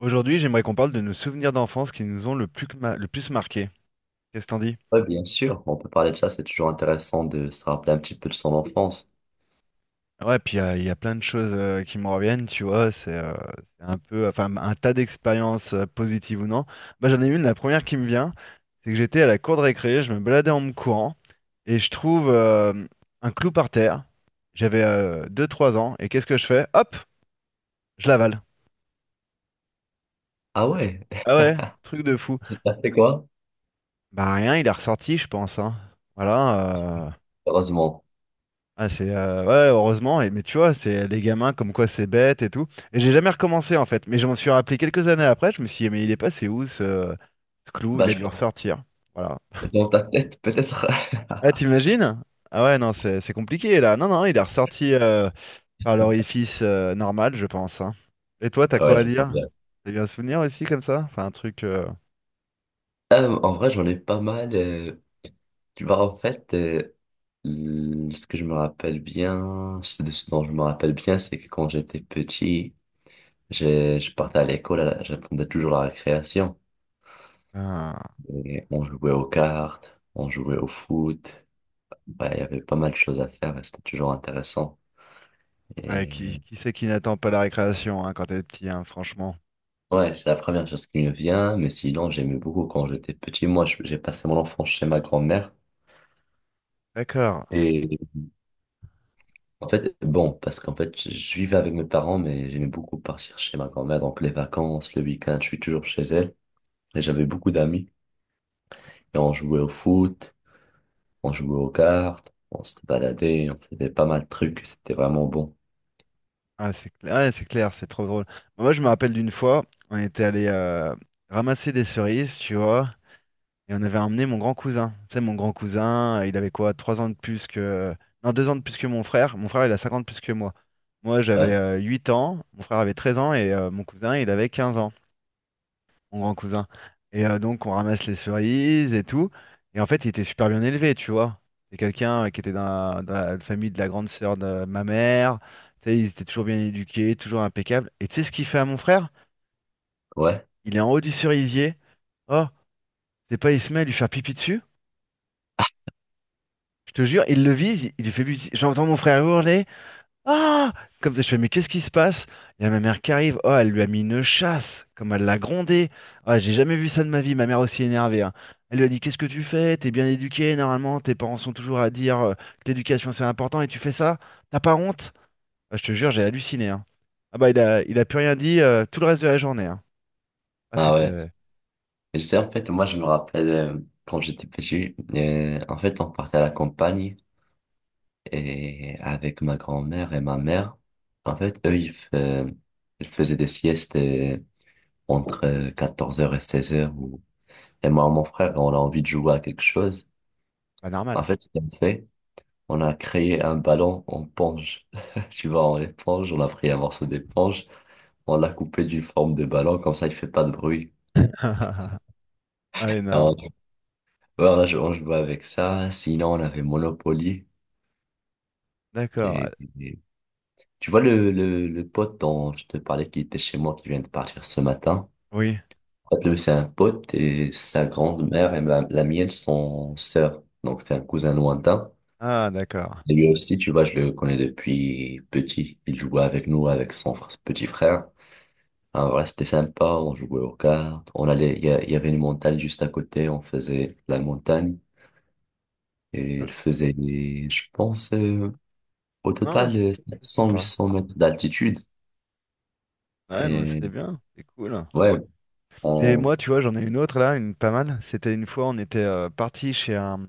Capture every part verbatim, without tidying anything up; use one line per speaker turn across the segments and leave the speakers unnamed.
Aujourd'hui, j'aimerais qu'on parle de nos souvenirs d'enfance qui nous ont le plus, que ma- le plus marqué. Qu'est-ce que t'en dis?
Ouais, bien sûr. Bon, on peut parler de ça, c'est toujours intéressant de se rappeler un petit peu de son enfance.
Ouais, puis euh, il y a plein de choses euh, qui me reviennent, tu vois. C'est euh, c'est un peu, enfin, un tas d'expériences euh, positives ou non. Moi, j'en ai une, la première qui me vient, c'est que j'étais à la cour de récré, je me baladais en me courant, et je trouve euh, un clou par terre. J'avais deux-trois ans, et qu'est-ce que je fais? Hop, je l'avale.
Ah
Un truc-
ouais.
Ah ouais, truc de fou.
T'as fait quoi?
Bah rien, il est ressorti, je pense, hein. Voilà. euh,
Heureusement.
Ah, c'est euh, ouais, heureusement, et, mais tu vois, c'est les gamins comme quoi c'est bête et tout. Et j'ai jamais recommencé en fait, mais je m'en suis rappelé quelques années après. Je me suis dit, mais il est passé où ce, ce clou? Il
Bah,
a
je
dû
pense,
ressortir. Voilà.
dans ta tête, peut-être.
Ah, t'imagines? Ah ouais, non, c'est c'est compliqué là. Non, non, il est ressorti euh, par l'orifice euh, normal, je pense, hein. Et toi, t'as quoi
Ouais,
à
je vois
dire?
bien.
T'as eu un souvenir aussi comme ça? Enfin, un truc. euh,
Euh, en vrai, j'en ai pas mal. euh, Tu vois, en fait, euh, l- ce que je me rappelle bien, ce de ce dont je me rappelle bien, c'est que quand j'étais petit, j'ai- je partais à l'école, à la- j'attendais toujours la récréation.
un-
Et on jouait aux cartes, on jouait au foot. Bah, il y avait pas mal de choses à faire et c'était toujours intéressant.
Ouais, qui,
Et
qui c'est qui n'attend pas la récréation, hein, quand t'es petit, hein, franchement.
ouais, c'est la première chose qui me vient, mais sinon, j'aimais beaucoup quand j'étais petit. Moi, je- j'ai passé mon enfance chez ma grand-mère.
D'accord.
Et en fait, bon, parce qu'en fait, je je vivais avec mes parents, mais j'aimais beaucoup partir chez ma grand-mère. Donc, les vacances, le week-end, je suis toujours chez elle. Et j'avais beaucoup d'amis. Et on jouait au foot, on jouait aux cartes, on se baladait, on faisait pas mal de trucs. C'était vraiment bon.
Ah, c'est clair, ouais, c'est clair, c'est trop drôle. Moi, je me rappelle d'une fois, on était allé euh, ramasser des cerises, tu vois, et on avait emmené mon grand cousin. Tu sais, mon grand cousin, euh, il avait quoi, trois ans de plus que... Non, deux ans de plus que mon frère. Mon frère, il a cinquante de plus que moi. Moi, j'avais
Ouais,
euh, huit ans, mon frère avait treize ans, et euh, mon cousin, il avait quinze ans, mon grand cousin. Et euh, donc, on ramasse les cerises et tout. Et en fait, il était super bien élevé, tu vois. C'est quelqu'un euh, qui était dans la, dans la famille de la grande sœur de ma mère. Tu sais, ils étaient toujours bien éduqués, toujours impeccables. Et tu sais ce qu'il fait à mon frère?
ouais.
Il est en haut du cerisier. Oh, c'est pas, il se met à lui faire pipi dessus. Je te jure, il le vise, il lui fait pipi. J'entends mon frère hurler. Ah! Comme ça, je fais, mais qu'est-ce qui se passe? Il y a ma mère qui arrive. Oh, elle lui a mis une chasse, comme elle l'a grondée. Ah, j'ai jamais vu ça de ma vie, ma mère aussi énervée, hein. Elle lui a dit, qu'est-ce que tu fais? T'es bien éduqué, normalement. Tes parents sont toujours à dire euh, que l'éducation c'est important et tu fais ça? T'as pas honte? Ah, je te jure, j'ai halluciné, hein. Ah bah, il a, il a plus rien dit euh, tout le reste de la journée, hein. Ah,
Ah
c'était
ouais.
euh,
Et c'est en fait, moi, je me rappelle euh, quand j'étais petit, euh, en fait, on partait à la campagne. Et avec ma grand-mère et ma mère, en fait, eux, ils, fa- ils faisaient des siestes euh, entre quatorze heures et seize heures. Ou... Et moi, mon frère, on a envie de jouer à quelque chose.
pas
En
normal.
fait, ce qu'on fait, on a créé un ballon en ponge. Tu vois, en éponge, on a pris un morceau d'éponge, on l'a coupé d'une forme de ballon, comme ça, il fait pas de bruit.
Ah,
Et
énorme.
on, voilà, je- on jouait avec ça. Sinon, on avait Monopoly. Et,
D'accord.
et- tu vois le, le, le pote dont je te parlais qui était chez moi, qui vient de partir ce matin?
Oui.
En fait, lui, c'est un pote et sa grand-mère et ma- la mienne sont sœurs. Donc, c'est un cousin lointain.
Ah, d'accord.
Et lui aussi, tu vois, je le connais depuis petit. Il jouait avec nous, avec son fr- petit frère. Alors, voilà, c'était sympa. On jouait aux cartes. On allait, il y, a- il y avait une montagne juste à côté. On faisait la montagne. Et
Euh,
il faisait, je pense, euh, au
Non,
total,
c'est
euh, sept
c'est
cents, huit
sympa.
cents mètres d'altitude.
Ouais, non, mais
Et
c'est bien. C'est cool.
ouais,
Et
on...
moi, tu vois, j'en ai une autre là, une pas mal. C'était une fois, on était euh, parti chez un,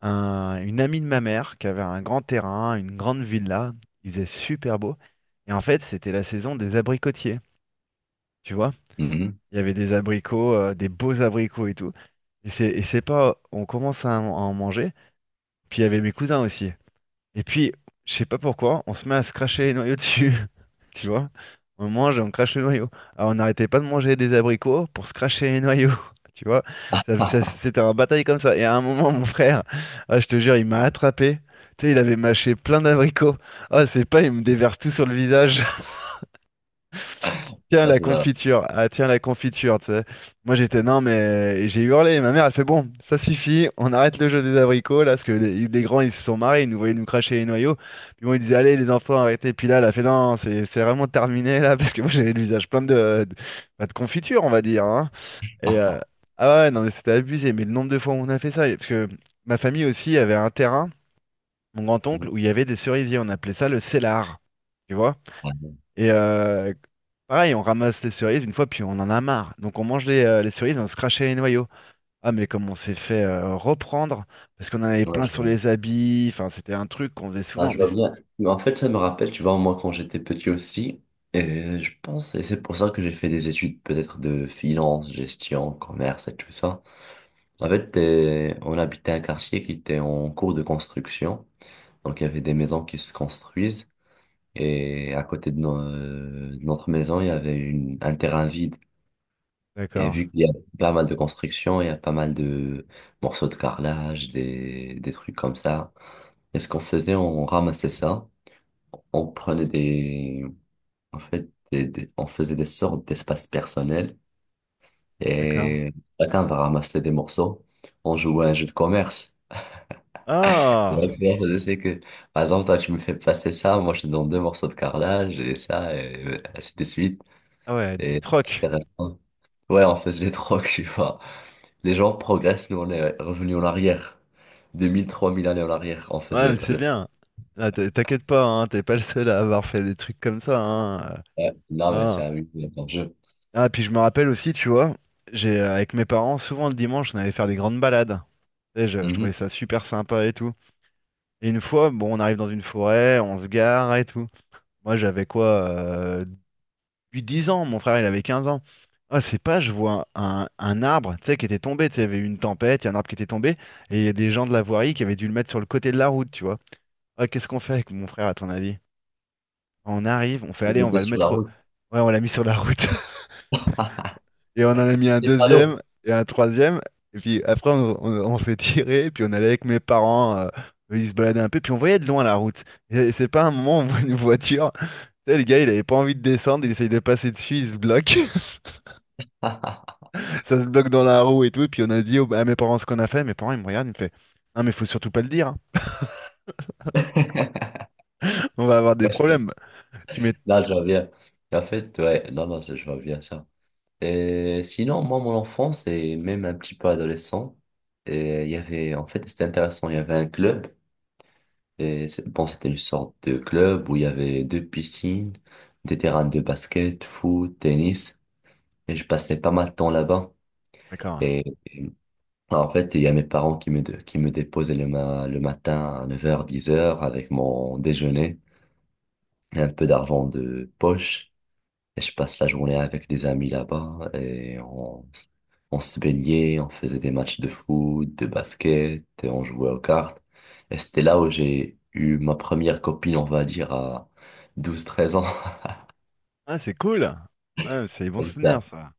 un- une amie de ma mère qui avait un grand terrain, une grande villa. Il faisait super beau. Et en fait, c'était la saison des abricotiers. Tu vois,
Mhm.
il y avait des abricots, euh, des beaux abricots et tout. Et c'est et c'est pas, on commence à en à en manger. Puis il y avait mes cousins aussi. Et puis, je sais pas pourquoi, on se met à se cracher les noyaux dessus. Tu vois? On mange et on crache le noyau. Alors, on n'arrêtait pas de manger des abricots pour se cracher les noyaux. Tu vois? Ça- ça- c'était un bataille comme ça. Et à un moment, mon frère, ah, je te jure, il m'a attrapé. Tu sais, il avait mâché plein d'abricots. Ah, c'est pas, il me déverse tout sur le visage. Tiens
Ah,
la
c'est ça.
confiture, ah tiens la confiture, tu sais. Moi j'étais non mais et j'ai hurlé, ma mère elle fait bon, ça suffit, on arrête le jeu des abricots là, parce que les, les grands ils se sont marrés, ils nous voyaient nous cracher les noyaux, puis bon ils disaient allez les enfants arrêtez, puis là elle a fait non c'est c'est vraiment terminé là, parce que moi j'avais le visage plein de, de, bah, de confiture on va dire, hein. Et euh, ah ouais non mais c'était abusé, mais le nombre de fois où on a fait ça, parce que ma famille aussi avait un terrain, mon grand-oncle, où il y avait des cerisiers, on appelait ça le cellar, tu vois? Et euh, pareil, on ramasse les cerises une fois, puis on en a marre. Donc on mange les, euh, les cerises, on se crachait les noyaux. Ah, mais comme on s'est fait euh, reprendre, parce qu'on en avait plein sur
Ouais.
les habits, enfin, c'était un truc qu'on faisait
Ah,
souvent.
je
Mais
vois
c'est-
bien. Mais en fait, ça me rappelle, tu vois, moi, quand j'étais petit aussi, et je pense, et c'est pour ça que j'ai fait des études peut-être de finance, gestion, commerce et tout ça. En fait, t'es- on habitait un quartier qui était en cours de construction. Donc, il y avait des maisons qui se construisent. Et à côté de, no- euh, de notre maison, il y avait une, un terrain vide. Et
d'accord,
vu qu'il y a pas mal de construction, il y a pas mal de morceaux de carrelage, des, des trucs comme ça. Et ce qu'on faisait, on ramassait ça on prenait des, en fait, des- des- on faisait des sortes d'espaces personnels
d'accord.
et chacun va ramasser des morceaux. On jouait à un jeu de commerce. Et
Ah,
là, tu vois, je sais que, par exemple, toi, tu me fais passer ça, moi, je te donne deux morceaux de carrelage et ça, et ainsi de suite.
ah ouais, dit
Et c'est
troc.
intéressant. Ouais, on faisait des trocs, tu vois. Les gens progressent, nous, on est revenus en arrière. Deux mille trois mille années en arrière, on
Ouais,
faisait
mais
le...
c'est
le-
bien. Ah, t'in- t'inquiète pas, hein, t'es pas le seul à avoir fait des trucs comme ça, hein. euh,
Ouais, non, mais c'est
Ah.
amusant, comme jeu.
Ah, puis je me rappelle aussi, tu vois, j'ai euh, avec mes parents, souvent le dimanche, on allait faire des grandes balades. Tu sais, je je trouvais
Mhm.
ça super sympa et tout. Et une fois, bon, on arrive dans une forêt, on se gare et tout. Moi, j'avais quoi, euh, huit à dix ans, mon frère, il avait quinze ans. Ah, c'est pas, je vois un, un arbre, tu sais, qui était tombé, tu sais, il y avait eu une tempête, il y a un arbre qui était tombé, et il y a des gens de la voirie qui avaient dû le mettre sur le côté de la route, tu vois. Ah, qu'est-ce qu'on fait avec mon frère, à ton avis? On arrive, on fait, allez,
On
on
était
va le
sur la
mettre... au-
route.
Ouais, on l'a mis sur la route, et on en a mis un
C'est pas
deuxième,
d'eau.
et un troisième, et puis après, on, on- on s'est tiré, et puis on allait avec mes parents, euh, ils se baladaient un peu, puis on voyait de loin la route. Et c'est pas un moment où on voit une voiture. Tu sais, le gars, il avait pas envie de descendre, il essaye de passer dessus, il se bloque, ça se bloque dans la roue et tout. Et puis on a dit au- à mes parents ce qu'on a fait. Mes parents, ils me regardent, ils me font: Non, mais faut surtout pas le dire, hein. On va avoir des
Ouais, c'est-
problèmes. Tu mets.
là, je vois. En fait, ouais, non, non, c'est- je vois bien ça. Et sinon, moi, mon enfance et même un petit peu adolescent, et il y avait, en fait, c'était intéressant, il y avait un club, et c'est- bon, c'était une sorte de club où il y avait deux piscines, des terrains de basket, foot, tennis, et je passais pas mal de temps là-bas.
D'accord.
Et, et, en fait, il y a mes parents qui me, dé- qui me déposaient le, ma- le matin à neuf heures, dix heures avec mon déjeuner, et un peu d'argent de poche. Et je passe la journée avec des amis là-bas et on, s- on se baignait, on faisait des matchs de foot, de basket, et on jouait aux cartes. Et c'était là où j'ai eu ma première copine, on va dire, à douze treize ans.
Ah, c'est cool. Ouais, c'est des bons
Comme
souvenirs,
ça.
ça.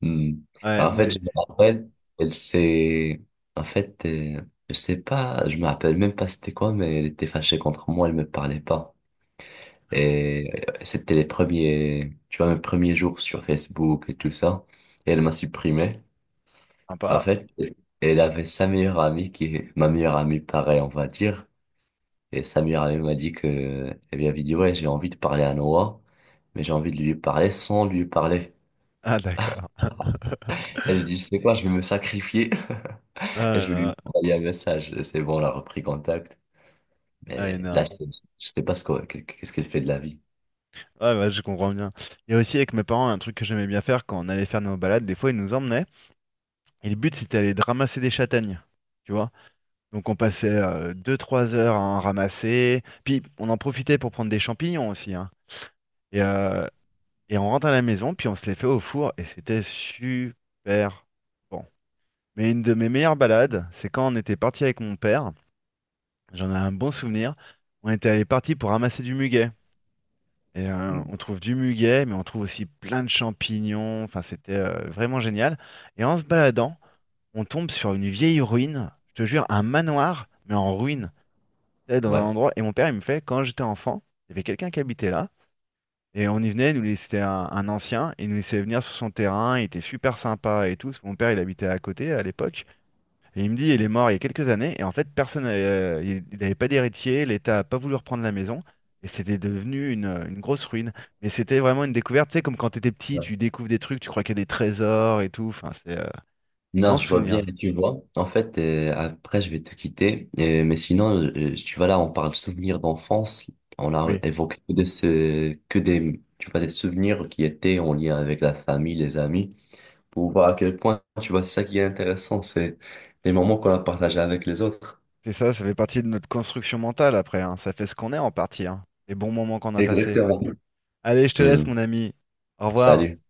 Hmm.
Ouais,
Alors, en fait, je
mais.
me
Oui,
rappelle, elle s'est... En fait, euh, je sais pas, je me rappelle même pas c'était quoi, mais elle était fâchée contre moi, elle me parlait pas. Et euh, c'était les premiers, tu vois, mes premiers jours sur Facebook et tout ça. Et elle m'a supprimé. En
sympa.
fait, elle avait sa meilleure amie qui est ma meilleure amie, pareil, on va dire. Et sa meilleure amie m'a dit que, elle lui avait dit, ouais, j'ai envie de parler à Noah, mais j'ai envie de lui parler sans lui parler.
Ah, d'accord.
Elle dit, c'est quoi, je vais me sacrifier.
Ah
Et
là
je vais
là.
lui envoyer un message. Et c'est bon, on a repris contact.
Ah,
Mais là, je
énorme.
sais je sais pas ce que- qu'est-ce qu'elle fait de la vie.
Ouais, bah, je comprends bien. Et aussi, avec mes parents, un truc que j'aimais bien faire quand on allait faire nos balades, des fois, ils nous emmenaient. Et le but, c'était d'aller de ramasser des châtaignes. Tu vois? Donc on passait euh, deux trois heures à en ramasser. Puis on en profitait pour prendre des champignons aussi, hein. Et, euh, et on rentre à la maison, puis on se les fait au four. Et c'était super bon. Mais une de mes meilleures balades, c'est quand on était parti avec mon père. J'en ai un bon souvenir. On était parti pour ramasser du muguet. Et euh,
Hmm.
on trouve du muguet, mais on trouve aussi plein de champignons. Enfin, c'était euh, vraiment génial. Et en se baladant, on tombe sur une vieille ruine. Je te jure, un manoir, mais en ruine. J'étais dans un
Ouais.
endroit, et mon père, il me fait, quand j'étais enfant, il y avait quelqu'un qui habitait là, et on y venait, il nous laissait, c'était un, un ancien, et il nous laissait venir sur son terrain, il était super sympa et tout, parce que mon père, il habitait à côté à l'époque, et il me dit, il est mort il y a quelques années, et en fait, personne, euh, il il n'avait pas d'héritier, l'État n'a pas voulu reprendre la maison, et c'était devenu une, une grosse ruine. Mais c'était vraiment une découverte, tu sais, comme quand t'étais petit, tu découvres des trucs, tu crois qu'il y a des trésors et tout, enfin, c'est euh, des
Non,
grands
je vois bien,
souvenirs.
tu vois. En fait, euh, après, je vais te quitter. Euh, mais sinon, euh, tu vois, là, on parle souvenirs d'enfance. On a
Oui,
évoqué que, de ce, que des, tu vois, des souvenirs qui étaient en lien avec la famille, les amis, pour voir à quel point, tu vois, c'est ça qui est intéressant, c'est les moments qu'on a partagés avec les autres.
c'est ça, ça fait partie de notre construction mentale après, hein. Ça fait ce qu'on est en partie, hein. Les bons moments qu'on a passés.
Exactement.
Allez, je te laisse,
Hmm.
mon ami. Au revoir.
Salut.